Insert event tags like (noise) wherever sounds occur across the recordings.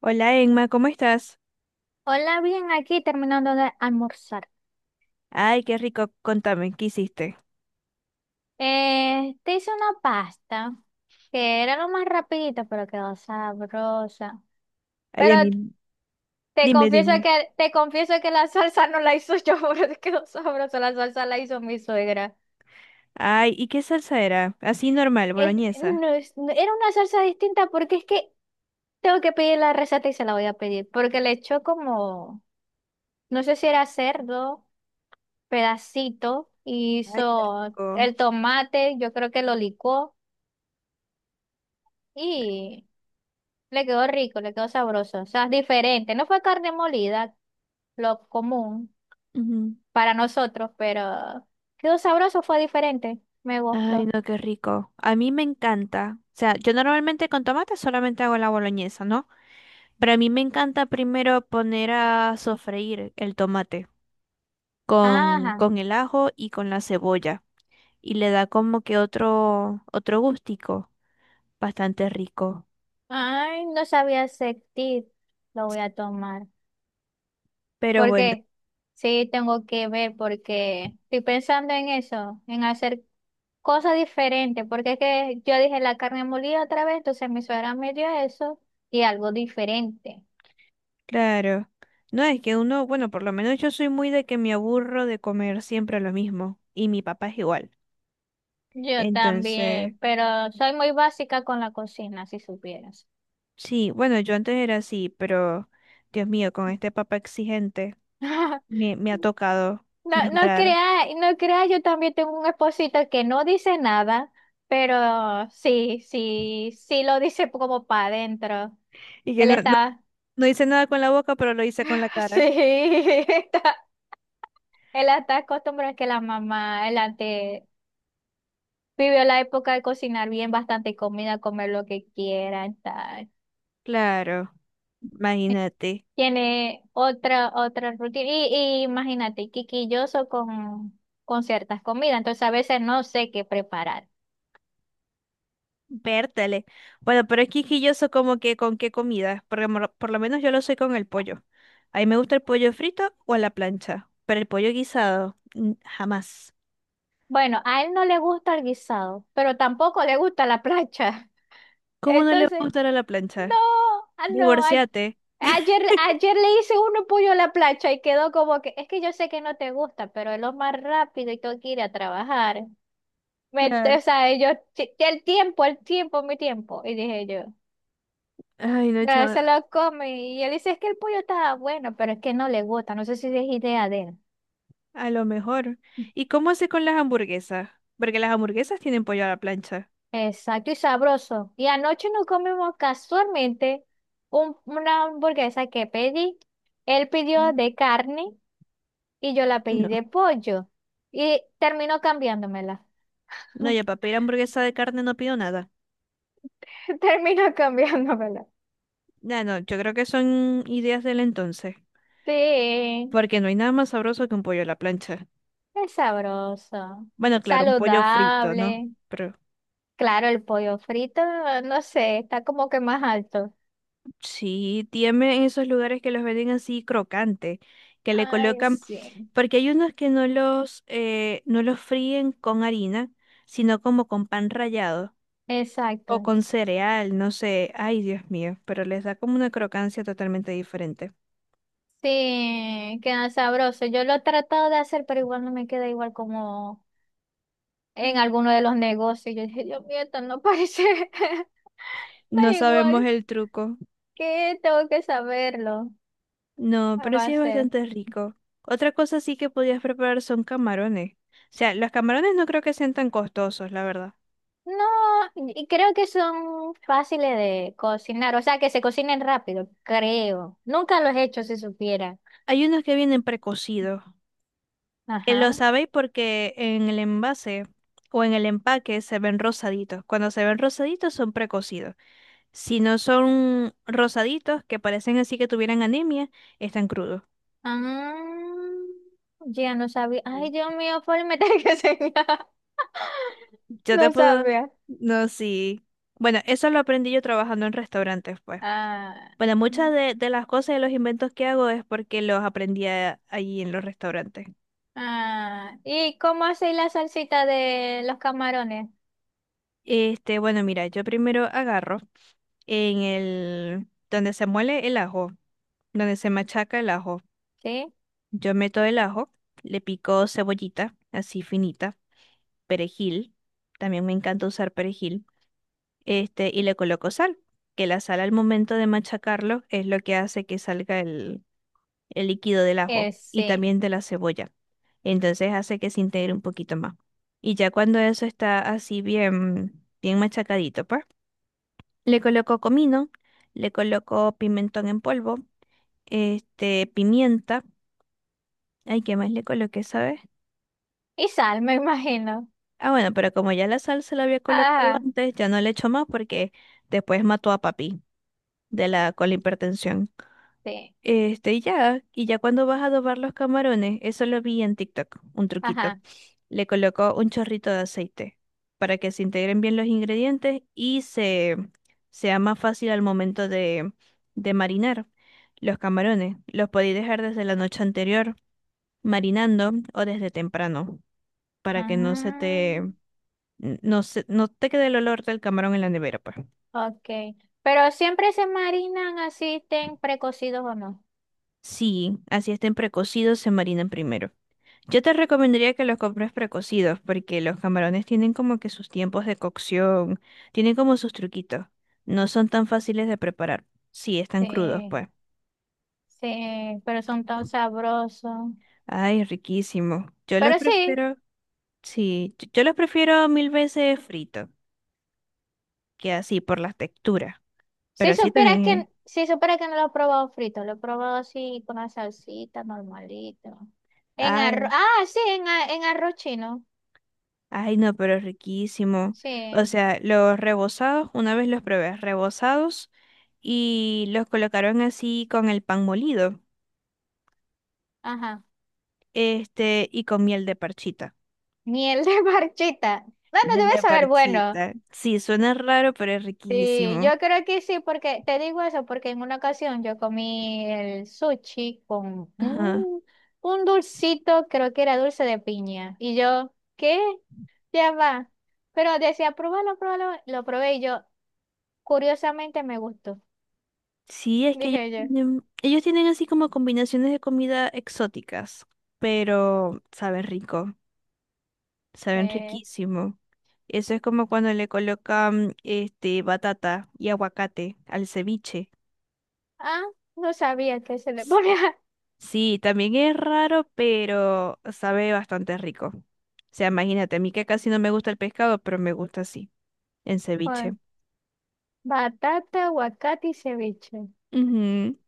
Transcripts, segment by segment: Hola Emma, ¿cómo estás? Hola, bien, aquí terminando de almorzar. Ay, qué rico, contame, ¿qué hiciste? Te hice una pasta que era lo más rapidito, pero quedó sabrosa. Ay, Pero a mí, te dime, confieso dime. que te confieso que la salsa no la hizo yo, (laughs) pero quedó sabrosa. La salsa la hizo mi suegra. Ay, ¿y qué salsa era? Así normal, Es- boloñesa. Era una salsa distinta porque es que tengo que pedir la receta y se la voy a pedir porque le echó como no sé si era cerdo, pedacito, y Ay, qué hizo rico. el tomate, yo creo que lo licuó y le quedó rico, le quedó sabroso. O sea, diferente. No fue carne molida, lo común Ujú. para nosotros, pero quedó sabroso, fue diferente. Me Ay, gustó. no, qué rico. A mí me encanta. O sea, yo normalmente con tomate solamente hago la boloñesa, ¿no? Pero a mí me encanta primero poner a sofreír el tomate con, Ajá. con el ajo y con la cebolla. Y le da como que otro, otro gustico bastante rico. Ay, no sabía sentir. Lo voy a tomar. Pero ¿Por bueno. qué? Sí, tengo que ver porque estoy pensando en eso, en hacer cosa diferente, porque es que yo dije la carne molida otra vez, entonces mi suegra me dio eso y algo diferente. Claro. No, es que uno, bueno, por lo menos yo soy muy de que me aburro de comer siempre lo mismo. Y mi papá es igual. Yo Entonces, también, pero soy muy básica con la cocina, si supieras. sí, bueno, yo antes era así, pero Dios mío, con este papá exigente (laughs) me ha tocado No, no mejorar. creas, no creas, yo también tengo un esposito que no dice nada, pero sí, sí, sí lo dice como para adentro. Y que Él no, no, está, no hice nada con la boca, pero lo hice con la (laughs) sí, cara. está, él está acostumbrado a que la mamá, él antes vivió la época de cocinar bien, bastante comida, comer lo que quieran, tal. Claro, imagínate. Tiene otra rutina. Y imagínate, quisquilloso con ciertas comidas. Entonces a veces no sé qué preparar. Vértale. Bueno, pero es quisquilloso como que con qué comida. Porque por lo menos yo lo soy con el pollo. A mí me gusta el pollo frito o a la plancha, pero el pollo guisado, mm, jamás. Bueno, a él no le gusta el guisado, pero tampoco le gusta la plancha. (laughs) ¿Cómo no le va a Entonces, gustar a la no, plancha? ah, no. Divorciate. Ayer, (laughs) ayer le hice uno pollo a la plancha y quedó como que, es que yo sé que no te gusta, pero es lo más rápido y tengo que ir a trabajar. Me, Claro. o sea, yo, El tiempo, el tiempo, mi tiempo." Y dije yo, Ay, no, "Ah, se chama, lo come." Y él dice, es que el pollo estaba bueno, pero es que no le gusta. No sé si es idea de él. a lo mejor. ¿Y cómo hace con las hamburguesas? Porque las hamburguesas tienen pollo a la plancha. Exacto, y sabroso. Y anoche nos comimos casualmente una hamburguesa que pedí. Él pidió Mm. de carne y yo la pedí No, de pollo. Y terminó cambiándomela. no, (laughs) yo para pedir hamburguesa de carne no pido nada. Terminó cambiándomela. No, no, yo creo que son ideas del entonces, Sí, porque no hay nada más sabroso que un pollo a la plancha. es sabroso, Bueno, claro, un pollo frito, ¿no? saludable. Pero Claro, el pollo frito, no sé, está como que más alto. sí, tiene esos lugares que los venden así crocante, que le Ay, colocan, sí. porque hay unos que no los, no los fríen con harina, sino como con pan rallado o Exacto. con cereal, no sé, ay Dios mío, pero les da como una crocancia totalmente diferente. Sí, queda sabroso. Yo lo he tratado de hacer, pero igual no me queda igual como Mm. en alguno de los negocios. Yo dije, Dios mío, esto no parece, (laughs) no No es sabemos igual. el truco, Que tengo que saberlo. no, ¿Qué va a pero sí es base? bastante rico. Otra cosa sí que podías preparar son camarones. O sea, los camarones no creo que sean tan costosos, la verdad. No, y creo que son fáciles de cocinar, o sea, que se cocinen rápido, creo. Nunca los he hecho, si supiera. Hay unos que vienen precocidos. Lo Ajá. sabéis porque en el envase o en el empaque se ven rosaditos. Cuando se ven rosaditos son precocidos. Si no son rosaditos, que parecen así que tuvieran anemia, están crudos. Ah, ya no sabía. Ay, Dios mío, por meter que señal. (laughs) Yo te No puedo... sabía. No, sí. Bueno, eso lo aprendí yo trabajando en restaurantes, pues. Ah, Bueno, muchas de las cosas y los inventos que hago es porque los aprendí allí en los restaurantes. ah. ¿Y cómo hacéis la salsita de los camarones? Este, bueno, mira, yo primero agarro en el... donde se muele el ajo, donde se machaca el ajo. ¿Sí? Yo meto el ajo, le pico cebollita, así finita, perejil, también me encanta usar perejil, este, y le coloco sal, que la sal al momento de machacarlo es lo que hace que salga el líquido del ajo y Sí. también de la cebolla. Entonces hace que se integre un poquito más. Y ya cuando eso está así bien, bien machacadito, pues, le coloco comino, le coloco pimentón en polvo, este, pimienta, ay, ¿qué más le coloqué, sabes? Y sal, me imagino. Ah, bueno, pero como ya la sal se la había colocado Ajá, antes, ya no le echo más porque después mató a papi de la con la hipertensión. sí. Este, y ya cuando vas a adobar los camarones, eso lo vi en TikTok, un truquito. Ajá. Le colocó un chorrito de aceite para que se integren bien los ingredientes y se sea más fácil al momento de marinar los camarones. Los podéis dejar desde la noche anterior marinando o desde temprano para que no se te Ah, no se, no te quede el olor del camarón en la nevera, pues. ok. Pero siempre se marinan así, estén precocidos o no. Sí, así estén precocidos, se marinan primero. Yo te recomendaría que los compres precocidos, porque los camarones tienen como que sus tiempos de cocción, tienen como sus truquitos. No son tan fáciles de preparar. Sí, están crudos, Sí, pues. sí, pero son tan sabrosos. Ay, riquísimo. Yo los Pero sí, prefiero, sí, yo los prefiero mil veces fritos, que así por las texturas. Si Pero sí supieras que, también, si supieras que no lo he probado frito, lo he probado así con la salsita normalito. En arroz, ay. ah, sí, en arroz chino. Ay, no, pero es riquísimo. O Sí, sea, los rebozados, una vez los probé, rebozados, y los colocaron así con el pan molido, ajá. este, y con miel de parchita. Miel de (laughs) marchita. Bueno, Miel debe de saber, bueno. parchita. Sí, suena raro, pero es Sí, riquísimo. yo creo que sí, porque te digo eso, porque en una ocasión yo comí el sushi con Ajá. Un dulcito, creo que era dulce de piña. Y yo, ¿qué? Ya va. Pero decía, pruébalo, pruébalo. Lo probé y yo, curiosamente, me gustó. Sí, es que Dije yo, ellos tienen así como combinaciones de comida exóticas, pero saben rico, saben eh, riquísimo. Eso es como cuando le colocan este batata y aguacate al ceviche. ah, no sabía que se le (laughs) ponía Sí, también es raro, pero sabe bastante rico. O sea, imagínate, a mí que casi no me gusta el pescado, pero me gusta así, en joder, ceviche. batata, aguacate y ceviche. Ujú.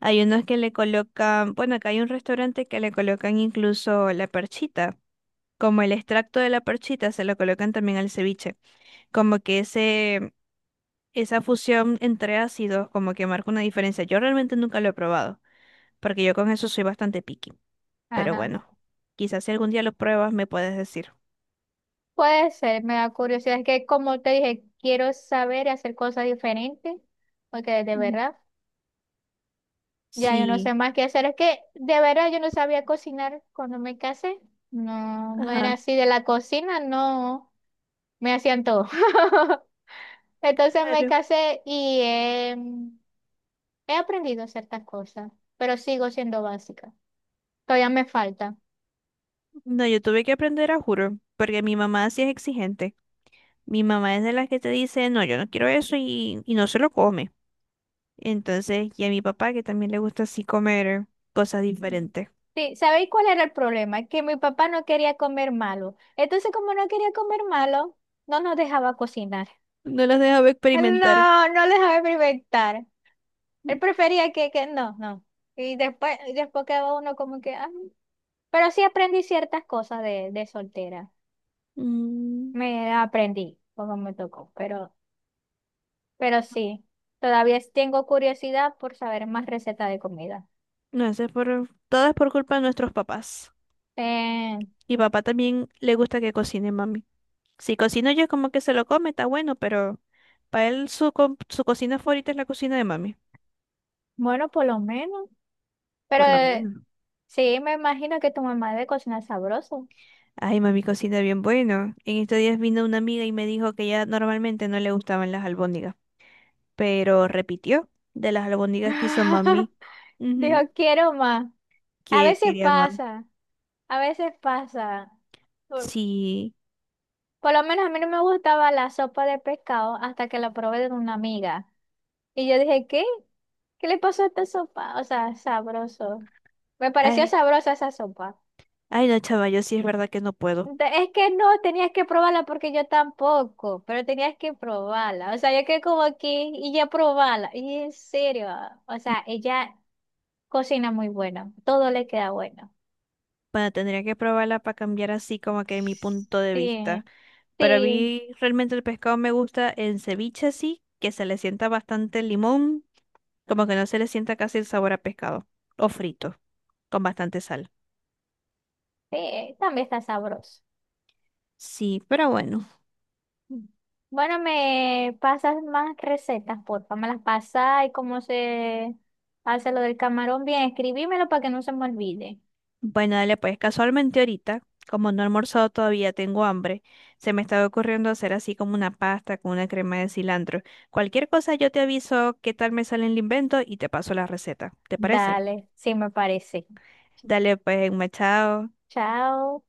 Hay unos que le colocan, bueno, acá hay un restaurante que le colocan incluso la perchita, como el extracto de la perchita se lo colocan también al ceviche, como que ese, esa fusión entre ácidos como que marca una diferencia. Yo realmente nunca lo he probado, porque yo con eso soy bastante picky, pero Ajá. bueno, quizás si algún día lo pruebas me puedes decir. Puede ser, me da curiosidad. Es que como te dije, quiero saber y hacer cosas diferentes, porque de Ujú. verdad, ya yo no Sí, sé más qué hacer. Es que de verdad yo no sabía cocinar cuando me casé. No, no era ajá, así de la cocina, no, me hacían todo. (laughs) Entonces me claro. casé y em, he aprendido ciertas cosas, pero sigo siendo básica. Todavía me falta. No, yo tuve que aprender a juro, porque mi mamá sí es exigente. Mi mamá es de las que te dice, no, yo no quiero eso y no se lo come. Entonces, y a mi papá que también le gusta así comer cosas diferentes. Sí, ¿sabéis cuál era el problema? Que mi papá no quería comer malo. Entonces, como no quería comer malo, no nos dejaba cocinar. No los dejaba Él experimentar. no, no le dejaba experimentar. Él prefería que no, no. Y después quedaba uno como que, ah. Pero sí aprendí ciertas cosas de soltera. Mm, Me aprendí, como me tocó. Pero sí, todavía tengo curiosidad por saber más recetas de comida. no, eso es por, todo es por culpa de nuestros papás. Eh, Y papá también le gusta que cocine mami. Si cocino yo como que se lo come, está bueno, pero para él su, su cocina favorita es la cocina de mami. bueno, por lo menos. Pero Por lo menos. sí, me imagino que tu mamá debe cocinar sabroso. Ay, mami cocina bien bueno. En estos días vino una amiga y me dijo que ya normalmente no le gustaban las albóndigas, pero repitió de las albóndigas que hizo mami. (laughs) Dijo, Ujú, quiero más. A que veces quería más. pasa, a veces pasa. Por, Sí. por lo menos a mí no me gustaba la sopa de pescado hasta que la probé de una amiga. Y yo dije, ¿qué? ¿Qué le pasó a esta sopa? O sea, sabroso. Me pareció Ay, sabrosa esa sopa. ay, no, chava, yo sí es verdad que no puedo. Es que no, tenías que probarla porque yo tampoco, pero tenías que probarla. O sea, yo quedé como aquí y ya probarla. Y en serio, o sea, ella cocina muy bueno, todo le queda bueno. Bueno, tendría que probarla para cambiar así como que mi punto de vista. Sí, Pero a sí, mí realmente el pescado me gusta en ceviche así, que se le sienta bastante limón, como que no se le sienta casi el sabor a pescado, o frito, con bastante sal. sí, también está sabroso. Sí, pero bueno. Bueno, me pasas más recetas, porfa, me las pasas y cómo se hace lo del camarón. Bien, escribímelo para que no se me olvide. Bueno, dale, pues casualmente ahorita, como no he almorzado todavía, tengo hambre. Se me estaba ocurriendo hacer así como una pasta con una crema de cilantro. Cualquier cosa yo te aviso qué tal me sale el invento y te paso la receta. ¿Te parece? Dale, sí me parece. Dale, pues, machado. Chao.